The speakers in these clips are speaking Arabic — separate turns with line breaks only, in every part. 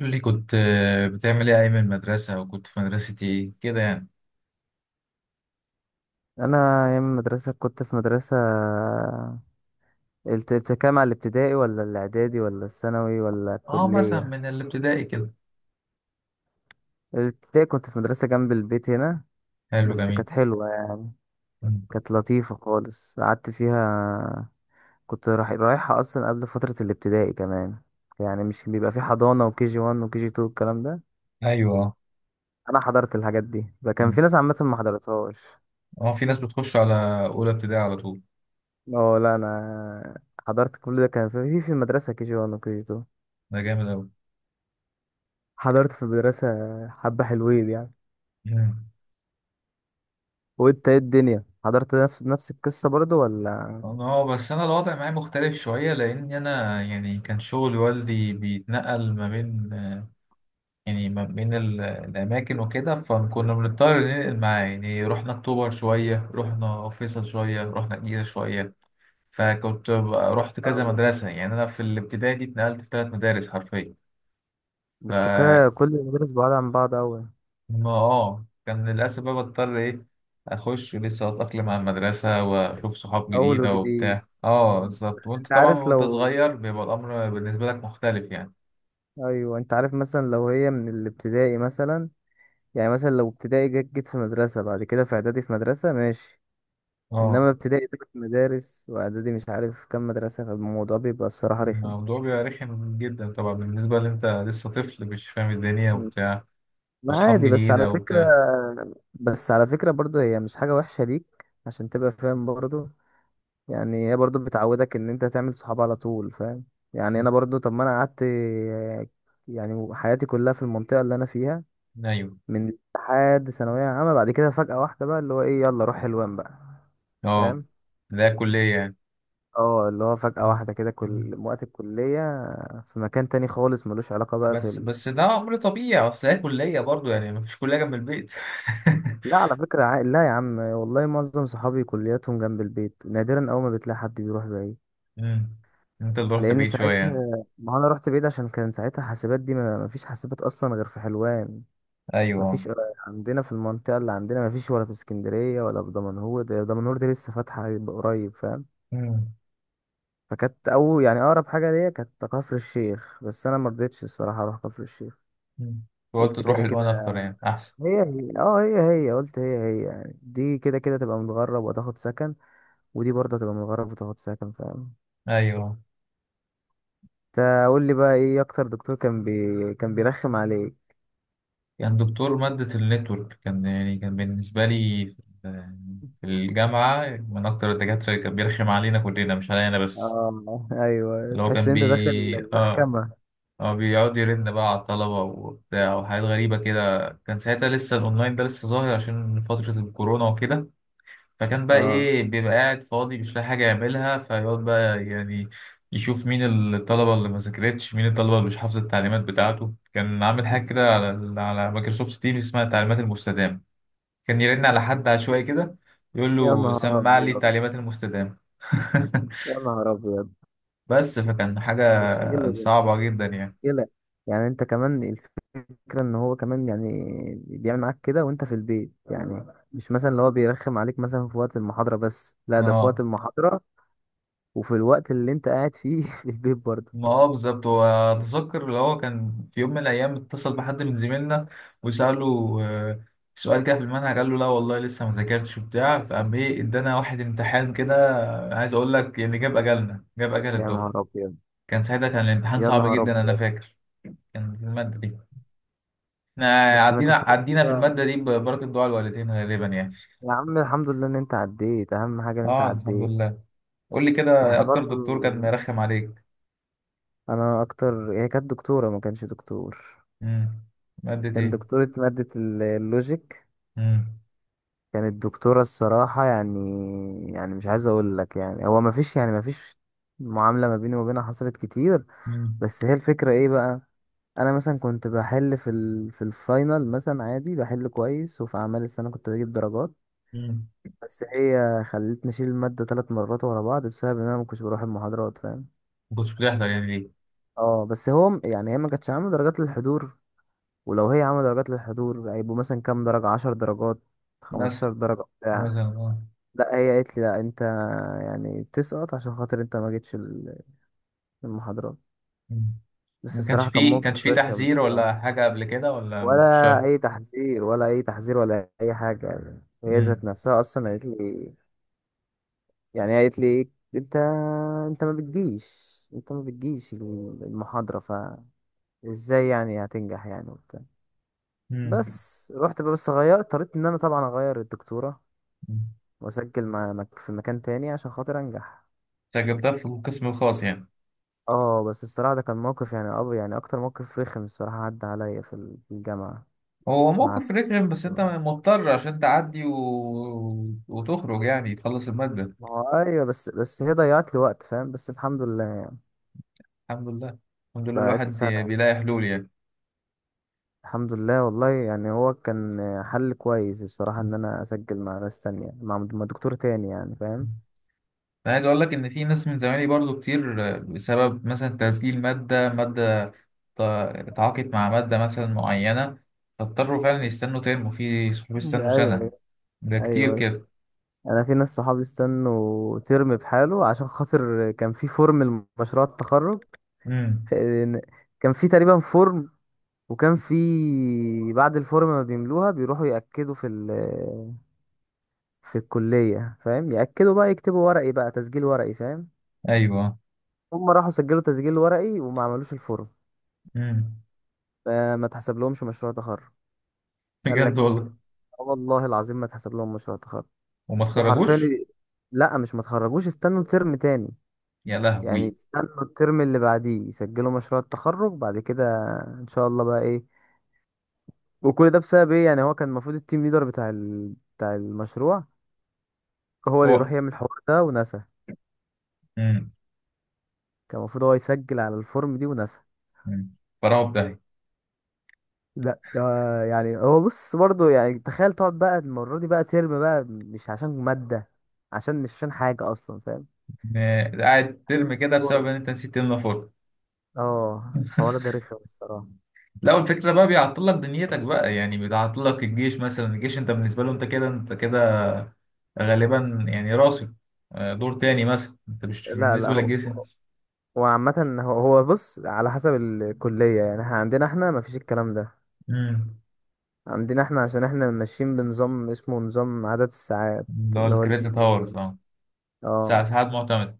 قول لي كنت بتعمل ايه ايام المدرسة وكنت في مدرسة ايه كده يعني.
انا ايام المدرسه كنت في مدرسه. التكام على الابتدائي، ولا الاعدادي، ولا الثانوي، ولا
اه مثلا
الكليه؟
من الابتدائي كده.
الابتدائي كنت في مدرسه جنب البيت هنا.
حلو
بس
جميل.
كانت حلوه يعني.
مم.
كانت لطيفه خالص، قعدت فيها. كنت رايح رايحها اصلا قبل فتره الابتدائي كمان. يعني مش بيبقى في حضانه وكي جي 1 وكي جي 2 الكلام ده.
ايوه.
انا حضرت الحاجات دي، ده كان
مم.
في ناس عامه ما حضرتهاش.
اه في ناس بتخش على اولى ابتدائي على طول.
اه لا انا حضرت كل ده، كان في المدرسه كي جي 1 وكي جي 2.
ده جامد اوي.
حضرت في مدرسة حبة حلوين يعني.
مم.
وانت ايه الدنيا؟ حضرت نفس القصة برضو ولا؟
اه بس انا الوضع معايا مختلف شوية لان انا يعني كان شغل والدي بيتنقل ما بين يعني ما بين الأماكن وكده فكنا بنضطر ننقل معاه يعني رحنا أكتوبر شوية رحنا فيصل شوية رحنا الجيزة شوية. فكنت رحت كذا
أو-
مدرسة يعني أنا في الابتدائي دي اتنقلت في ثلاث مدارس حرفيا.
بس
ف
كل المدارس بعاد عن بعض أوي.
ما اه كان للأسف بقى بضطر إيه، أخش لسه أتأقلم على المدرسة وأشوف صحاب
أول
جديدة
وجديد.
وبتاع اه
آه،
بالظبط. وأنت
أنت
طبعا
عارف
وأنت
لو،
صغير بيبقى الأمر بالنسبة لك مختلف يعني.
أيوة أنت عارف مثلا لو هي من الابتدائي مثلا، يعني مثلا لو ابتدائي جيت في مدرسة، بعد كده في إعدادي في مدرسة، ماشي.
اه
إنما ابتدائي تلات مدارس، وإعدادي مش عارف كام مدرسة، فالموضوع بيبقى الصراحة رخم.
الموضوع بيبقى رخم جدا طبعا بالنسبة اللي انت لسه طفل مش فاهم الدنيا وبتاع
ما
واصحاب
عادي، بس على
جديدة
فكرة،
وبتاع.
بس على فكرة برضو هي مش حاجة وحشة ليك، عشان تبقى فاهم برضو. يعني هي برضو بتعودك ان انت تعمل صحاب على طول، فاهم؟ يعني انا برضو، طب ما انا قعدت، يعني حياتي كلها في المنطقة اللي انا فيها
ايوه.
من لحد ثانوية عامة. بعد كده فجأة واحدة بقى، اللي هو ايه، يلا روح حلوان بقى.
اه
فاهم؟
ده كلية يعني.
اه، اللي هو فجأة واحدة كده
مم.
كل وقت الكلية في مكان تاني خالص، ملوش علاقة بقى
بس
في.
ده امر طبيعي اصل هي كلية برضو يعني مفيش كلية جنب البيت.
لا على فكرة، لا يا عم والله، معظم صحابي كلياتهم جنب البيت، نادرا أول ما بتلاقي حد بيروح بعيد.
مم. انت اللي رحت
لأن
بعيد شوية.
ساعتها ما أنا رحت بعيد عشان كان ساعتها حاسبات دي، ما فيش حاسبات أصلا غير في حلوان. ما
ايوه.
فيش عندنا في المنطقة اللي عندنا، ما فيش، ولا في اسكندرية ولا في دمنهور، ده دمنهور دي لسه فاتحة قريب فاهم.
مم.
فكانت أول يعني أقرب حاجة ليا كانت كفر الشيخ، بس أنا مرضتش الصراحة أروح كفر الشيخ.
مم. قلت
قلت
تروح
كده
الوان اكتر
كده،
يعني احسن.
هي هي اه هي هي قلت هي هي يعني، دي كده كده تبقى متغرب وتاخد سكن، ودي برضه هتبقى من الغرب وتاخد سكن، فاهم؟
ايوه
انت قول لي بقى ايه اكتر دكتور كان كان بيرخم عليك.
كان دكتور مادة النتورك كان يعني كان بالنسبة لي في الجامعة من أكتر الدكاترة اللي كان بيرخم علينا كلنا مش عليا أنا بس.
اه ايوه،
اللي هو
تحس
كان
ان انت داخل
بي آه
المحكمة.
هو بيقعد يرن بقى على الطلبة وبتاع وحاجات غريبة كده، كان ساعتها لسه الأونلاين ده لسه ظاهر عشان فترة الكورونا وكده. فكان بقى
اه.
إيه، بيبقى قاعد فاضي مش لاقي حاجة يعملها فيقعد بقى يعني يشوف مين الطلبة اللي ما ذاكرتش مين الطلبة اللي مش حافظة التعليمات بتاعته. كان عامل حاجة كده على مايكروسوفت تيمز اسمها التعليمات المستدامة، كان يرن على حد عشوائي كده يقول
يا
له
نهار
سمع لي
ابيض،
التعليمات المستدامة.
يا نهار ابيض.
بس فكان حاجة
ده مشكلة ده،
صعبة جدا
ده
يعني.
مشكلة. يعني انت كمان، الفكرة ان هو كمان يعني بيعمل معاك كده وانت في البيت يعني. مش مثلا اللي هو بيرخم عليك مثلا في وقت المحاضرة بس، لا ده في وقت
اه
المحاضرة وفي الوقت اللي انت قاعد فيه في البيت برضه.
ما هو بالظبط، هو أتذكر اللي هو كان في يوم من الأيام اتصل بحد من زميلنا وسأله سؤال كده في المنهج قال له لا والله لسه ما ذاكرتش وبتاع، فقام إيه إدانا واحد امتحان كده، عايز أقول لك يعني جاب أجلنا جاب أجل
يا نهار
الدفعة.
ابيض،
كان ساعتها كان الامتحان
يا
صعب
نهار
جدا أنا
ابيض.
فاكر، كان في المادة دي احنا
بس ما تفهمش
عدينا في
بقى.
المادة دي ببركة دعاء الوالدين غالبا يعني.
يا عم الحمد لله ان انت عديت، اهم حاجة ان انت
اه الحمد
عديت.
لله. قول لي كده
احنا
اكتر
برضو
دكتور كان مرخم عليك.
انا اكتر هي كانت دكتورة، ما كانش دكتور.
امم، مادة
كان
ايه؟
دكتورة مادة اللوجيك.
امم.
كانت دكتورة الصراحة يعني، يعني مش عايز اقول لك يعني هو ما فيش يعني، ما فيش معاملة ما بيني وبينها حصلت كتير.
امم.
بس هي الفكرة ايه بقى، انا مثلا كنت بحل في في الفاينل مثلا، عادي بحل كويس، وفي اعمال السنة كنت بجيب درجات.
امم،
بس هي خلتني اشيل الماده 3 مرات ورا بعض، بسبب ان انا ما كنتش بروح المحاضرات فاهم.
ما كنتش بتحضر يعني ليه؟
اه بس هو يعني هي ما كانتش عامله درجات للحضور. ولو هي عامله درجات للحضور، هيبقوا مثلا كام درجه، 10 درجات، خمستاشر
مثلا،
درجه بتاع.
مثلا اه.
لا هي قالت لي لا انت يعني تسقط عشان خاطر انت ما جيتش المحاضرات.
مم.
بس
ما كانش
الصراحه كان
فيه كانش
موقف
فيه
رخم
تحذير ولا
الصراحه.
حاجة قبل كده ولا؟ مش
ولا
شرط.
اي تحذير، ولا اي تحذير، ولا اي حاجه. يعني هي ذات
امم.
نفسها اصلا قالت لي، يعني قالت لي إيه، انت، انت ما بتجيش انت ما بتجيش المحاضرة، فازاي يعني هتنجح يعني وبتاع.
امم،
بس رحت بقى، بس غيرت، اضطريت ان انا طبعا اغير الدكتورة، واسجل في مكان تاني عشان خاطر انجح.
انت جبتها في القسم الخاص يعني.
اه بس الصراحة ده كان موقف يعني يعني اكتر موقف رخم الصراحة عدى عليا في في الجامعة.
هو
مع
موقف رخم بس انت
الدكتورة.
مضطر عشان تعدي و… وتخرج يعني تخلص المادة.
ما هو ايوه، بس هي ضيعت لي وقت فاهم، بس الحمد لله يعني.
الحمد لله. الحمد لله
ضيعت لي
الواحد
سنة.
بيلاقي حلول يعني.
الحمد لله والله. يعني هو كان حل كويس الصراحة، إن أنا أسجل مع ناس تانية، مع دكتور تاني يعني فاهم.
انا عايز اقول لك ان في ناس من زمايلي برضو كتير بسبب مثلا تسجيل ماده، تعاقد مع ماده مثلا معينه، فاضطروا فعلا يستنوا ترم، في صحاب
مم.
يستنوا
أيوه
سنه.
أيوه.
ده كتير
أيوه أيوه،
كده.
أنا في ناس صحابي استنوا ترم بحاله، عشان خاطر كان في فورم لمشروع التخرج.
امم.
إن- كان في تقريبا فورم، وكان في، بعد الفورم ما بيملوها بيروحوا يأكدوا في في الكلية فاهم. يأكدوا بقى، يكتبوا ورقي بقى، تسجيل ورقي فاهم.
ايوه.
هم راحوا سجلوا تسجيل ورقي وما عملوش الفورم.
امم.
فما اتحسب لهمش مشروع تخرج. قال. اه
بجد والله؟
والله العظيم ما اتحسب لهم مشروع تخرج.
وما اتخرجوش؟
وحرفيا، لا مش ما تخرجوش، استنوا ترم تاني.
يا لهوي.
يعني استنوا الترم اللي بعديه يسجلوا مشروع التخرج بعد كده ان شاء الله بقى ايه. وكل ده بسبب ايه؟ يعني هو كان المفروض التيم ليدر بتاع بتاع المشروع هو اللي
هو،
يروح يعمل الحوار ده ونسى.
امم.
كان المفروض هو يسجل على الفورم دي ونسى.
أمم. فراغ ده.
لا آه، يعني هو بص برضه، يعني تخيل تقعد بقى المرة دي بقى ترم بقى مش عشان مادة، عشان مش عشان حاجة أصلا فاهم،
قاعد ترم
عشان
كده بسبب
فورم.
ان انت نسيت تملى فورم.
اه الحوار ده رخم الصراحة.
لا، والفكرة بقى بيعطل لك دنيتك بقى، يعني بيعطل لك الجيش مثلا. الجيش انت بالنسبة له انت كده انت كده غالبا يعني راسي دور تاني مثلا، انت مش
لا لا،
بالنسبة
هو،
للجيش.
هو عامة، هو بص على حسب الكلية. يعني احنا عندنا، احنا مفيش الكلام ده
امم،
عندنا. احنا عشان احنا ماشيين بنظام، اسمه نظام عدد الساعات،
اللي هو
اللي هو الجي
الكريدت
بي
هاورز
اي.
اه. ساعة
اه
ساعات معتمدة.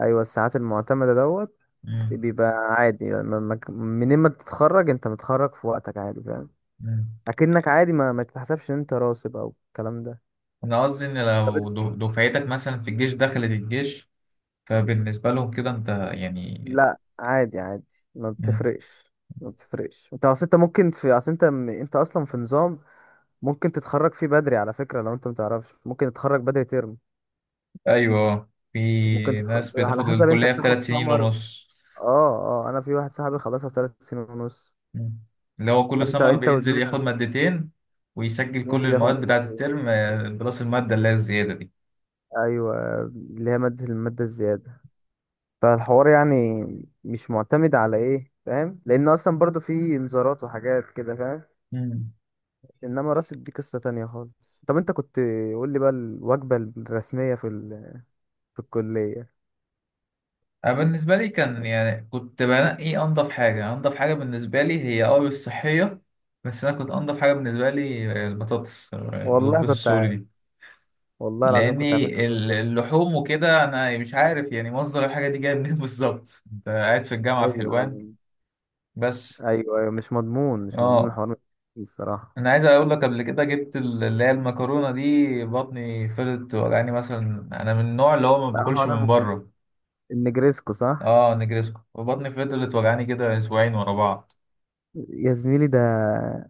ايوه الساعات المعتمدة دوت.
امم.
بيبقى عادي يعني منين ما تتخرج انت متخرج في وقتك عادي فاهم.
امم.
اكنك عادي، ما تتحسبش ان انت راسب او الكلام ده.
انا قصدي ان
طب
لو
انت-
دفعتك مثلا في الجيش دخلت الجيش فبالنسبة لهم كده انت يعني.
لا عادي عادي، ما
مم.
بتفرقش، ما بتفرقش. انت اصل انت ممكن في، اصل انت انت اصلا في نظام ممكن تتخرج فيه بدري على فكرة، لو انت متعرفش ممكن تتخرج بدري ترم.
ايوه
ممكن
في ناس
على
بتاخد
حسب انت
الكلية في
بتاخد
ثلاث سنين
سمر.
ونص.
اه اه انا في واحد صاحبي خلصها في 3 سنين ونص.
مم. اللي هو كل سمر
انت
بينزل ياخد
ودماغك.
مادتين ويسجل كل
ينزل ياخد
المواد بتاعة
2 مادة.
الترم بلس المادة اللي هي الزيادة دي.
ايوه اللي هي مادة، المادة الزيادة. فالحوار يعني مش معتمد على ايه فاهم، لان اصلا برضو في انذارات وحاجات كده فاهم.
مم.
انما راسب دي قصة تانية خالص. طب انت كنت، قول لي بقى الوجبة الرسمية في في الكلية.
أنا بالنسبة لي كان يعني كنت بنقي أنضف حاجة، أنضف حاجة بالنسبة لي هي أه الصحية. بس أنا كنت أنضف حاجة بالنسبة لي البطاطس،
والله
البطاطس
كنت
السوري
عارف،
دي.
والله العظيم كنت عارف
لأني
انت هتقول كده.
اللحوم وكده أنا مش عارف يعني مصدر الحاجة دي جاية منين بالظبط، أنت قاعد في الجامعة في
ايوه
حلوان بس.
ايوه. ايوه مش مضمون، مش مضمون
أه
الحوار، مش مضمون الصراحه.
انا عايز اقول لك قبل كده جبت اللي هي المكرونه دي بطني فضلت وجعاني، مثلا انا من النوع اللي هو ما
لا هو
باكلش
انا
من
ما كنت،
بره.
النجريسكو صح.
اه نجرسكو، وبطني فضلت وجعاني كده اسبوعين ورا بعض،
يا زميلي ده،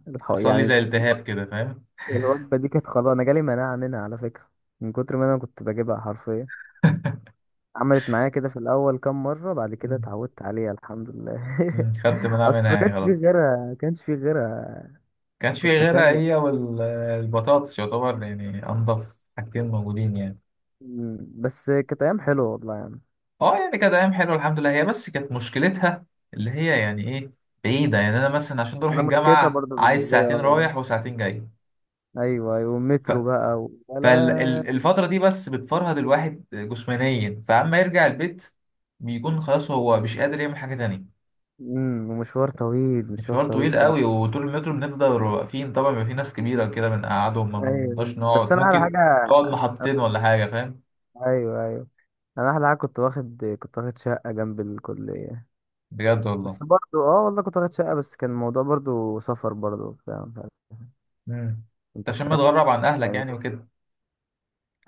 حصل لي زي
يعني
التهاب كده فاهم.
الوجبه دي كانت خلاص انا جالي مناعه منها على فكره، من كتر ما انا كنت بجيبها حرفيا. عملت معايا كده في الاول كام مره، بعد كده
مم.
اتعودت عليها الحمد لله
مم. خدت مناعه
اصل
منها
ما
يعني
كانش فيه
خلاص.
غيرها، ما كانش فيه غيرها.
كانش في
كنت
غيرها،
هتعمل.
هي والبطاطس يعتبر يعني انضف حاجتين موجودين يعني.
مم. بس كانت ايام حلوه والله يعني.
اه يعني كانت ايام حلوه الحمد لله، هي بس كانت مشكلتها اللي هي يعني ايه، بعيده. يعني انا مثلا عشان اروح
انا مشكلتها
الجامعه
برضه
عايز
بالنسبه لي
ساعتين
اه.
رايح وساعتين جاي،
ايوه ايوه، المترو بقى ولا؟
فالفترة دي بس بتفرهد الواحد جسمانيا فأما يرجع البيت بيكون خلاص هو مش قادر يعمل حاجة تانية.
امم، ومشوار طويل، مشوار
مشوار
طويل
طويل
فعلا.
قوي، وطول المترو بنفضل واقفين طبعا، بيبقى في ناس كبيرة كده بنقعدهم ما
ايوه
بنقدرش
بس
نقعد،
انا على
ممكن
حاجه،
تقعد محطتين ولا حاجة فاهم.
ايوه ايوه، انا احلى حاجه كنت واخد، كنت واخد شقه جنب الكليه.
بجد والله؟
بس برضو اه والله كنت واخد شقه، بس كان الموضوع برضو سفر برضو فاهم.
امم، انت
انت
عشان
فاهم
متغرب عن أهلك
يعني.
يعني وكده.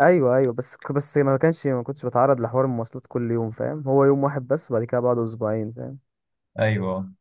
ايوه ايوه، بس ما كنتش بتعرض لحوار المواصلات كل يوم فاهم. هو يوم واحد بس، وبعد كده بعده اسبوعين فاهم.
أيوه